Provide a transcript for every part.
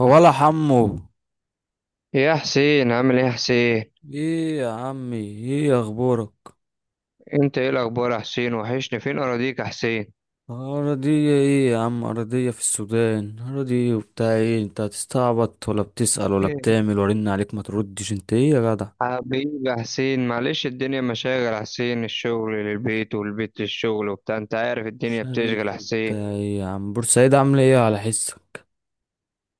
هو ولا حمو إيه يا حسين، عامل ايه يا حسين؟ ايه يا عمي، ايه اخبارك؟ انت ايه الاخبار يا حسين؟ وحشني، فين اراضيك يا حسين؟ ارضية ايه يا عم؟ ارضية في السودان؟ ارضية وبتاع ايه؟ انت هتستعبط ولا بتسأل؟ ولا إيه، بتعمل؟ ورن عليك ما تردش، انت ايه يا جدع؟ حبيبي يا حسين، معلش الدنيا مشاغل يا حسين. الشغل للبيت والبيت للشغل وبتاع، انت عارف الدنيا شاغل بتشغل يا ايه حسين. بتاع ايه يا عم؟ بورسعيد عاملة ايه على حسك؟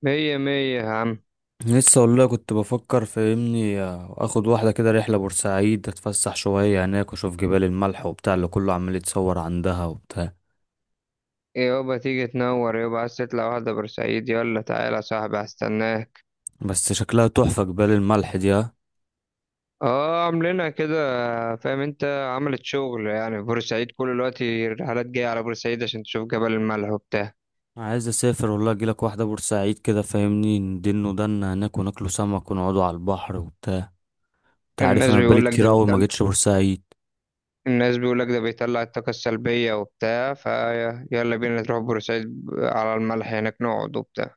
مية مية يا عم. لسه والله كنت بفكر فاهمني اخد واحدة كده رحلة بورسعيد، اتفسح شوية هناك واشوف جبال الملح وبتاع اللي كله عمال يتصور عندها وبتاع. إيه يابا، تيجي تنور يابا؟ عايز تطلع واحدة بورسعيد؟ يلا تعالى يا صاحبي هستناك. بس شكلها تحفة جبال الملح دي، ها؟ اه، عاملينها كده. فاهم انت. عملت شغل يعني في بورسعيد، كل الوقت الرحلات جاية على بورسعيد عشان تشوف جبل الملح وبتاع. عايز اسافر والله اجيلك واحده بورسعيد كده فاهمني، ندين ودنا هناك وناكلوا سمك ونقعدوا على البحر وبتاع. انت عارف الناس انا بقالي بيقول لك ده كتير اوي ما جيتش بورسعيد. الناس بيقولك ده بيطلع الطاقة السلبية وبتاع، فيلا بينا نروح بورسعيد على الملح هناك نقعد وبتاع.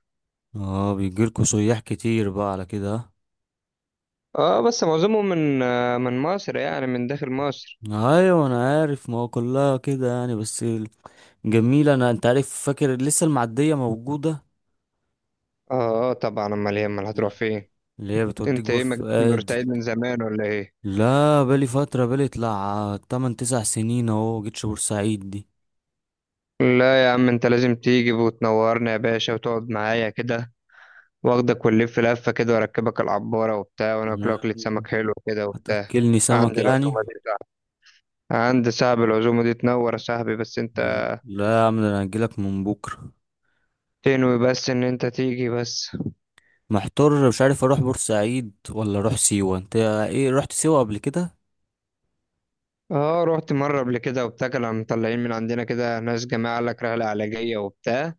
اه بيجيلكوا سياح كتير بقى على كده؟ اه بس معظمهم من مصر، يعني من داخل مصر. ها؟ ايوه انا عارف، ما هو كلها كده يعني بس جميله. انا انت عارف فاكر لسه المعديه موجوده اه. طبعا، امال ايه امال هتروح فين؟ اللي هي بتوديك انت بور ايه ما جيتش فؤاد. بورسعيد من زمان ولا ايه؟ لا بالي طلع 8 9 سنين اهو ما جيتش بورسعيد دي. لا يا عم، انت لازم تيجي وتنورنا يا باشا وتقعد معايا كده. واخدك ونلف لفة كده واركبك العبارة وبتاع وناكل لا، أكلة سمك حلو كده وبتاع. هتاكلني سمك عند يعني؟ العزومة دي صعب عند صاحب العزومة دي تنور يا صاحبي، بس انت لا يا عم، ده انا هجيلك من بكره. تنوي بس ان انت تيجي بس. محتار مش عارف اروح بورسعيد ولا اروح سيوه، انت ايه رحت سيوه قبل كده؟ اه، رحت مرة قبل كده وبتاع، كانوا مطلعين من عندنا كده ناس جماعة، قال لك رحلة علاجية وبتاع،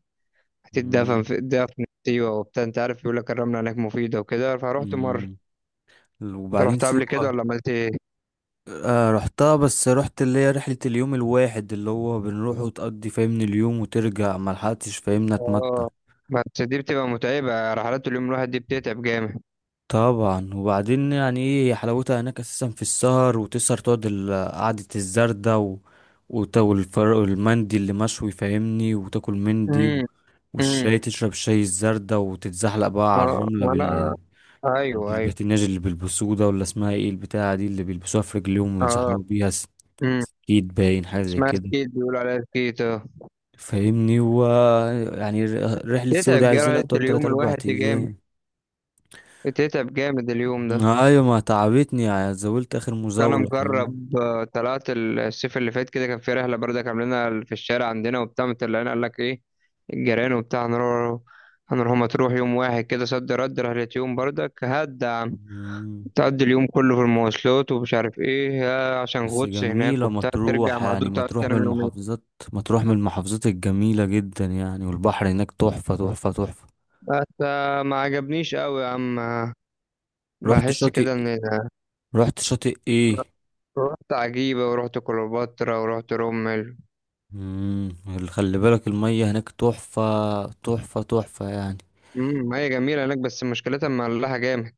هتتدفن مم. في دفن في سيوة وبتاع، انت عارف، يقول لك الرملة هناك مفيدة وكده، فروحت مرة. مم. انت وبعدين رحت قبل كده سيوه ولا عملت ايه؟ آه رحتها، بس رحت اللي هي رحله اليوم الواحد اللي هو بنروح وتقضي فاهمني اليوم وترجع، ملحقتش فاهمني اتمتع. اه بس دي بتبقى متعبة، رحلات اليوم الواحد دي بتتعب جامد. طبعا، وبعدين يعني ايه هي حلاوتها هناك اساسا في السهر، وتسهر تقعد قعدة الزردة و المندي اللي مشوي فاهمني وتاكل مندي، و... امم. امم. والشاي تشرب شاي الزردة وتتزحلق بقى على اه. الرملة ولا. ايوه ايوه. بالبتناج اللي بيلبسوه ده، ولا اسمها ايه البتاعة دي اللي بيلبسوها في رجليهم اه. ويزحلقوا بيها امم. سكيت باين حاجة زي اسمها كده. سكيت، بيقولوا عليها سكيت، اه. فاهمني. يعني رحلة سيوة دي تتعب عايزة لها جامد، تقعد تلات اليوم أربع الواحد دي جامد، أيام. بتتعب جامد اليوم ده. ايوه، ما تعبتني يعني، زولت آخر انا مزاولة فاهمني. مجرب، طلعت الصيف اللي فات كده، كان في رحله بردك عاملينها في الشارع عندنا وبتاع، مطلعين قال لك ايه، الجيران وبتاع هنروح مطروح يوم واحد كده، صد رد، رحله يوم بردك هاد يا عم. مم. تقضي اليوم كله في المواصلات، ومش عارف ايه، عشان بس غطس هناك جميلة وبتاع، ترجع مطروح، يعني مهدود تقعد مطروح من تنام يومين. المحافظات. مطروح من المحافظات الجميلة جدا يعني، والبحر هناك تحفة تحفة تحفة. بس، ما عجبنيش قوي يا عم. رحت بحس شاطئ كده ان. رحت شاطئ ايه؟ رحت عجيبة، ورحت كليوباترا، ورحت رمل. مم. اللي خلي بالك المية هناك تحفة تحفة تحفة يعني. امم، هي جميلة هناك بس مشكلتها مملحة جامد.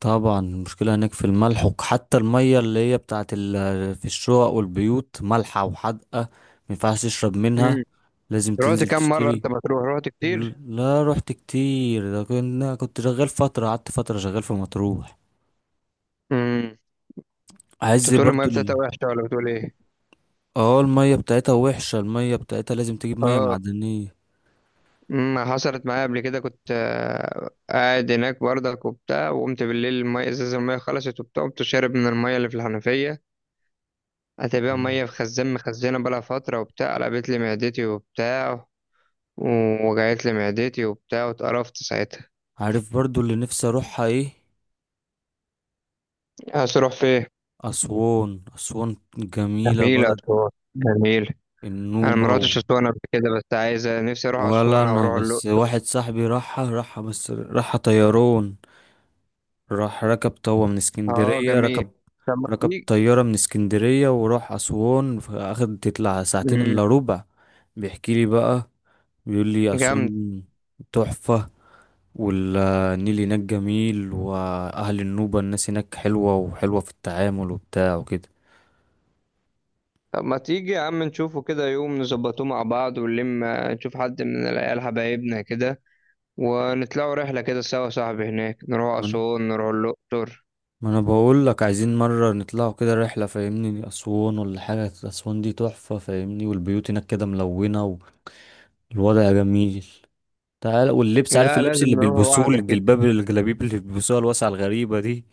طبعا، المشكلة هناك في الملح، وحتى المية اللي هي بتاعت ال... في الشقق والبيوت مالحة وحادقة، مينفعش تشرب منها، لازم رحت تنزل كام مرة تشتري. انت مطروح، رحت كتير؟ لا رحت كتير ده كنا كنت شغال فترة قعدت فترة شغال في مطروح. امم. انت عايز بتقول المية برضو ال... بتاعتها وحشة ولا بتقول ايه؟ اه المية بتاعتها وحشة، المية بتاعتها لازم تجيب مية اه. معدنية. امم. حصلت معايا قبل كده، كنت قاعد هناك برضك وبتاع، وقمت بالليل المية، ازازة المية خلصت وبتاع، قمت شارب من المية اللي في الحنفية. هتبقى مم. مية في خزان مخزنة بقالها فترة وبتاع، قلبت لي معدتي وبتاع، ووجعت لي معدتي وبتاع، واتقرفت ساعتها. عارف برضو اللي نفسي اروحها ايه؟ عايز تروح فين؟ اسوان. اسوان جميلة، جميلة بلد أسوان. جميل. أنا النوبة، و... مروحتش أسوان قبل كده، بس عايز نفسي أروح ولا أسوان أو انا، أروح بس الأقصر. واحد صاحبي راحها طيران. راح ركب طوة من اه اسكندرية جميل. ركب طب ما ركب تيجي. طيارة من اسكندرية وراح أسوان، أخد تطلع ساعتين امم. إلا ربع. بيحكي لي بقى، بيقول لي جامد. أسوان تحفة، والنيل هناك جميل، وأهل النوبة الناس هناك حلوة وحلوة في التعامل وبتاع وكده. طب ما تيجي يا عم نشوفه كده يوم، نظبطوه مع بعض، ونلم نشوف حد من العيال حبايبنا كده، ونطلعوا رحلة كده سوا يا صاحبي، هناك نروح ما أنا أسوان نروح الأقصر. ما أنا بقول لك عايزين مرة نطلعوا كده رحلة فاهمني أسوان ولا حاجة. أسوان دي تحفة فاهمني، والبيوت هناك كده ملونة، والوضع جميل. تعال، واللبس عارف لا اللبس لازم اللي نروح بيلبسوه، واحدة كده، الجلباب الجلابيب اللي بيلبسوها الواسعة الغريبة دي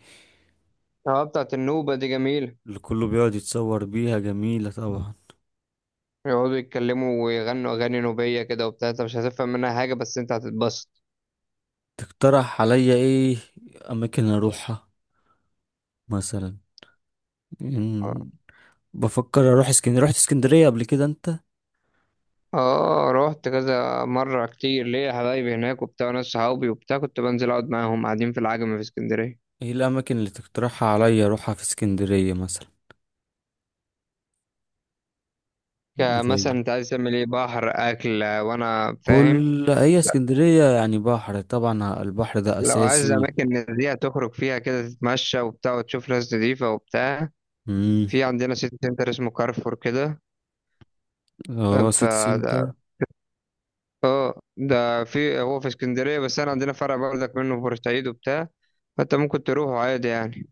اه بتاعت النوبة دي جميلة. اللي كله بيقعد يتصور بيها، جميلة طبعا. يقعدوا يتكلموا ويغنوا أغاني نوبية كده وبتاع، انت مش هتفهم منها حاجة بس انت هتتبسط. تقترح عليا ايه اماكن اروحها مثلا؟ مم، بفكر اروح اسكندرية، رحت اسكندرية قبل كده انت؟ اه رحت كذا مرة كتير، ليا حبايبي هناك وبتاع، ناس صحابي وبتاع، كنت بنزل أقعد معاهم قاعدين في العجمي في اسكندرية. ايه الاماكن اللي تقترحها عليا اروحها في اسكندرية مثلا؟ زي، كمثلا انت عايز تعمل ايه، بحر، اكل، وانا فاهم. كل هي اسكندرية يعني بحر، طبعا البحر ده لو عايز اساسي. اماكن نزيهة تخرج فيها كده تتمشى وبتاع وتشوف ناس نضيفة وبتاع، امم. في عندنا سيتي سنتر اسمه كارفور كده. اه سيتي فده سنتر. ده ده في هو في اسكندرية، بس انا عندنا فرع برضك منه في بورسعيد وبتاع، فانت ممكن تروحه عادي يعني.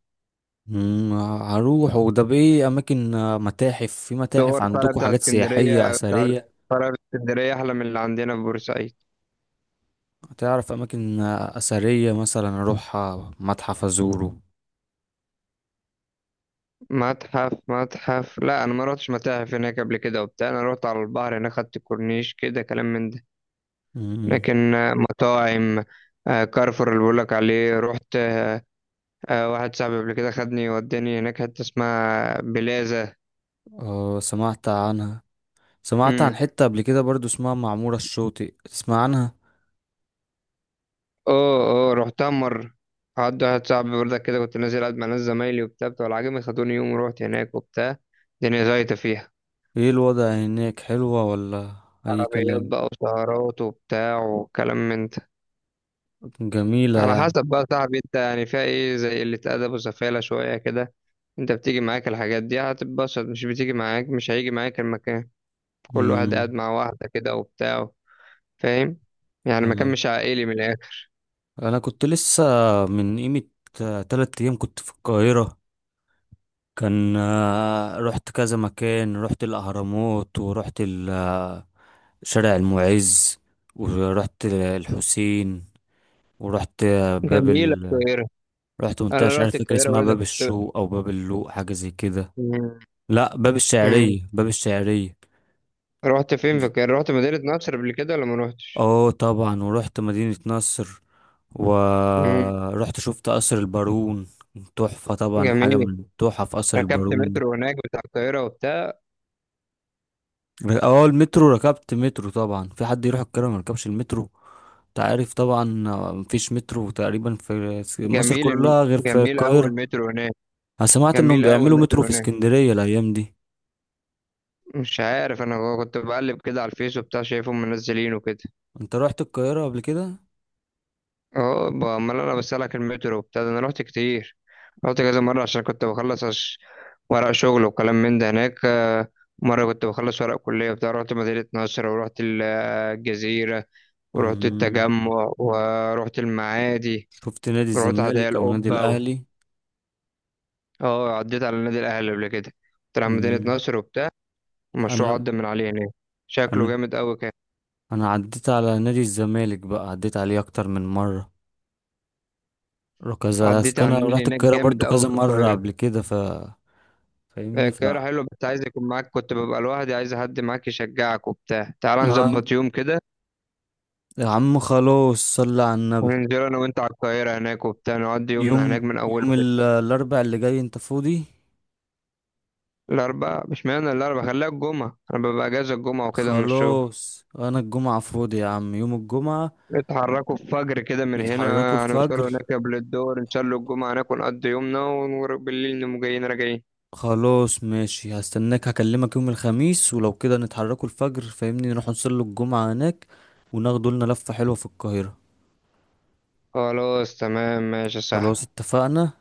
امم. هروح، وده بايه اماكن متاحف؟ في هو متاحف الفرع عندكم؟ بتاع حاجات سياحية اسكندرية بتاع اثرية؟ فرع في اسكندرية احلى من اللي عندنا في بورسعيد. تعرف اماكن اثرية مثلا اروح متحف ازوره؟ متحف. لا، انا ما رحتش متاحف هناك قبل كده وبتاع، انا رحت على البحر هناك، خدت كورنيش كده، كلام من ده. امم. لكن مطاعم، كارفور اللي بقولك عليه رحت. واحد صاحبي قبل كده خدني وداني هناك حتة اسمها بلازا. اه سمعت عنها. سمعت عن امم. حتة قبل كده برضو اسمها معمورة الشاطئ، تسمع عنها؟ اه اه. رحتها مرة، قعدت واحد صاحبي برضك كده، كنت نازل قاعد مع ناس زمايلي وبتاع، بتوع العجمي خدوني يوم ورحت هناك وبتاع. الدنيا زيطة فيها، ايه الوضع هناك، حلوة ولا اي عربيات كلام؟ بقى وسهرات وبتاع وكلام من ده. على جميلة. حسب بقى صاحبي انت يعني، فيها ايه زي اللي اتأدب وسفالة شوية كده. انت بتيجي معاك الحاجات دي هتتبسط، مش بتيجي معاك مش هيجي معاك المكان، كل واحد قاعد امم. مع واحدة كده وبتاع. فاهم، يعني مكان والله مش عائلي من الآخر. انا كنت لسه من قيمة تلات ايام كنت في القاهرة. كان رحت كذا مكان، رحت الأهرامات، ورحت شارع المعز، ورحت الحسين، ورحت باب جميلة ال... القاهرة. رحت منطقة أنا مش رحت عارف فاكر القاهرة اسمها برضه باب كنت. الشوق أو باب اللوق، حاجة زي كده. مم. لا، باب مم. الشعرية، باب الشعرية. رحت فين في القاهرة، رحت مدينة نصر قبل كده ولا ما رحتش؟ اه طبعا، ورحت مدينة نصر، مم. ورحت شفت قصر البارون. تحفة طبعا، حاجة جميل. من تحف قصر ركبت البارون. مترو هناك بتاع القاهرة وبتاع؟ اه المترو، ركبت مترو طبعا، في حد يروح القاهرة ما ركبش المترو؟ انت عارف طبعا، مفيش مترو تقريبا في مصر جميل الم- كلها غير في جميل أول القاهرة. مترو هناك. انا سمعت انهم جميل أول بيعملوا مترو مترو في هناك اسكندرية الايام دي. مش عارف، أنا كنت بقلب كده على الفيس وبتاع شايفهم منزلينه كده. انت رحت القاهرة قبل كده؟ اه، امال انا بسألك المترو وبتاع ده، انا رحت كتير. رحت كذا مرة عشان كنت بخلص ورق شغل وكلام من ده هناك. مرة كنت بخلص ورق كلية وبتاع، رحت مدينة نصر ورحت الجزيرة ورحت امم. التجمع ورحت المعادي شفت نادي ورحت هدايا الزمالك او نادي القبة و. الاهلي؟ اه، عديت على نادي الأهلي قبل كده، كنت على مدينة امم. نصر وبتاع، المشروع انا عدى من عليه هناك، شكله انا جامد أوي كان. انا عديت على نادي الزمالك بقى، عديت عليه اكتر من مرة كذا. عديت على انا النيل رحت هناك القاهرة جامد برضو أوي كذا في مرة القاهرة. قبل كده، ف فاهمني ف القاهرة حلوة بس عايز يكون معاك، كنت ببقى لوحدي، عايز حد معاك يشجعك وبتاع، تعال آه. نظبط يوم كده يا عم خلاص صلي على النبي. وننزل أنا وأنت على القاهرة هناك وبتاع، نقضي يومنا هناك يوم من أوله يوم كده. ال- الاربع اللي جاي انت فاضي؟ الأربعاء، مش معنى الأربعاء، خليها الجمعة، أنا ببقى أجازة الجمعة وكده من الشغل. خلاص انا الجمعة فاضي يا عم، يوم الجمعة اتحركوا الفجر كده من هنا، نتحركوا هنوصلوا الفجر. هناك قبل الدور، نصلوا الجمعة هناك ونقضي يومنا، وبالليل نقوم جايين راجعين. خلاص ماشي، هستناك، هكلمك يوم الخميس ولو كده نتحركوا الفجر فاهمني نروح نصلي الجمعة هناك، وناخدوا لنا لفة حلوة في القاهرة. خلاص تمام ماشي يا خلاص صاحبي. اتفقنا.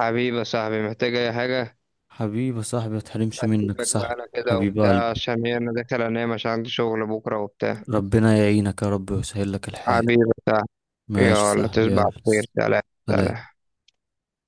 حبيبي يا صاحبي، محتاج أي حاجة؟ حبيبي يا صاحبي، متحرمش منك يا أسيبك بقى صاحبي. أنا كده حبيب وبتاع، قلبي، عشان هي أنا داخل أنام عشان عندي شغل بكرة وبتاع. ربنا يعينك يا رب ويسهل لك الحال. حبيبي يا صاحبي. ماشي يا يلا صاحبي، تصبح يلا. على خير، سلام. سلام. سلام.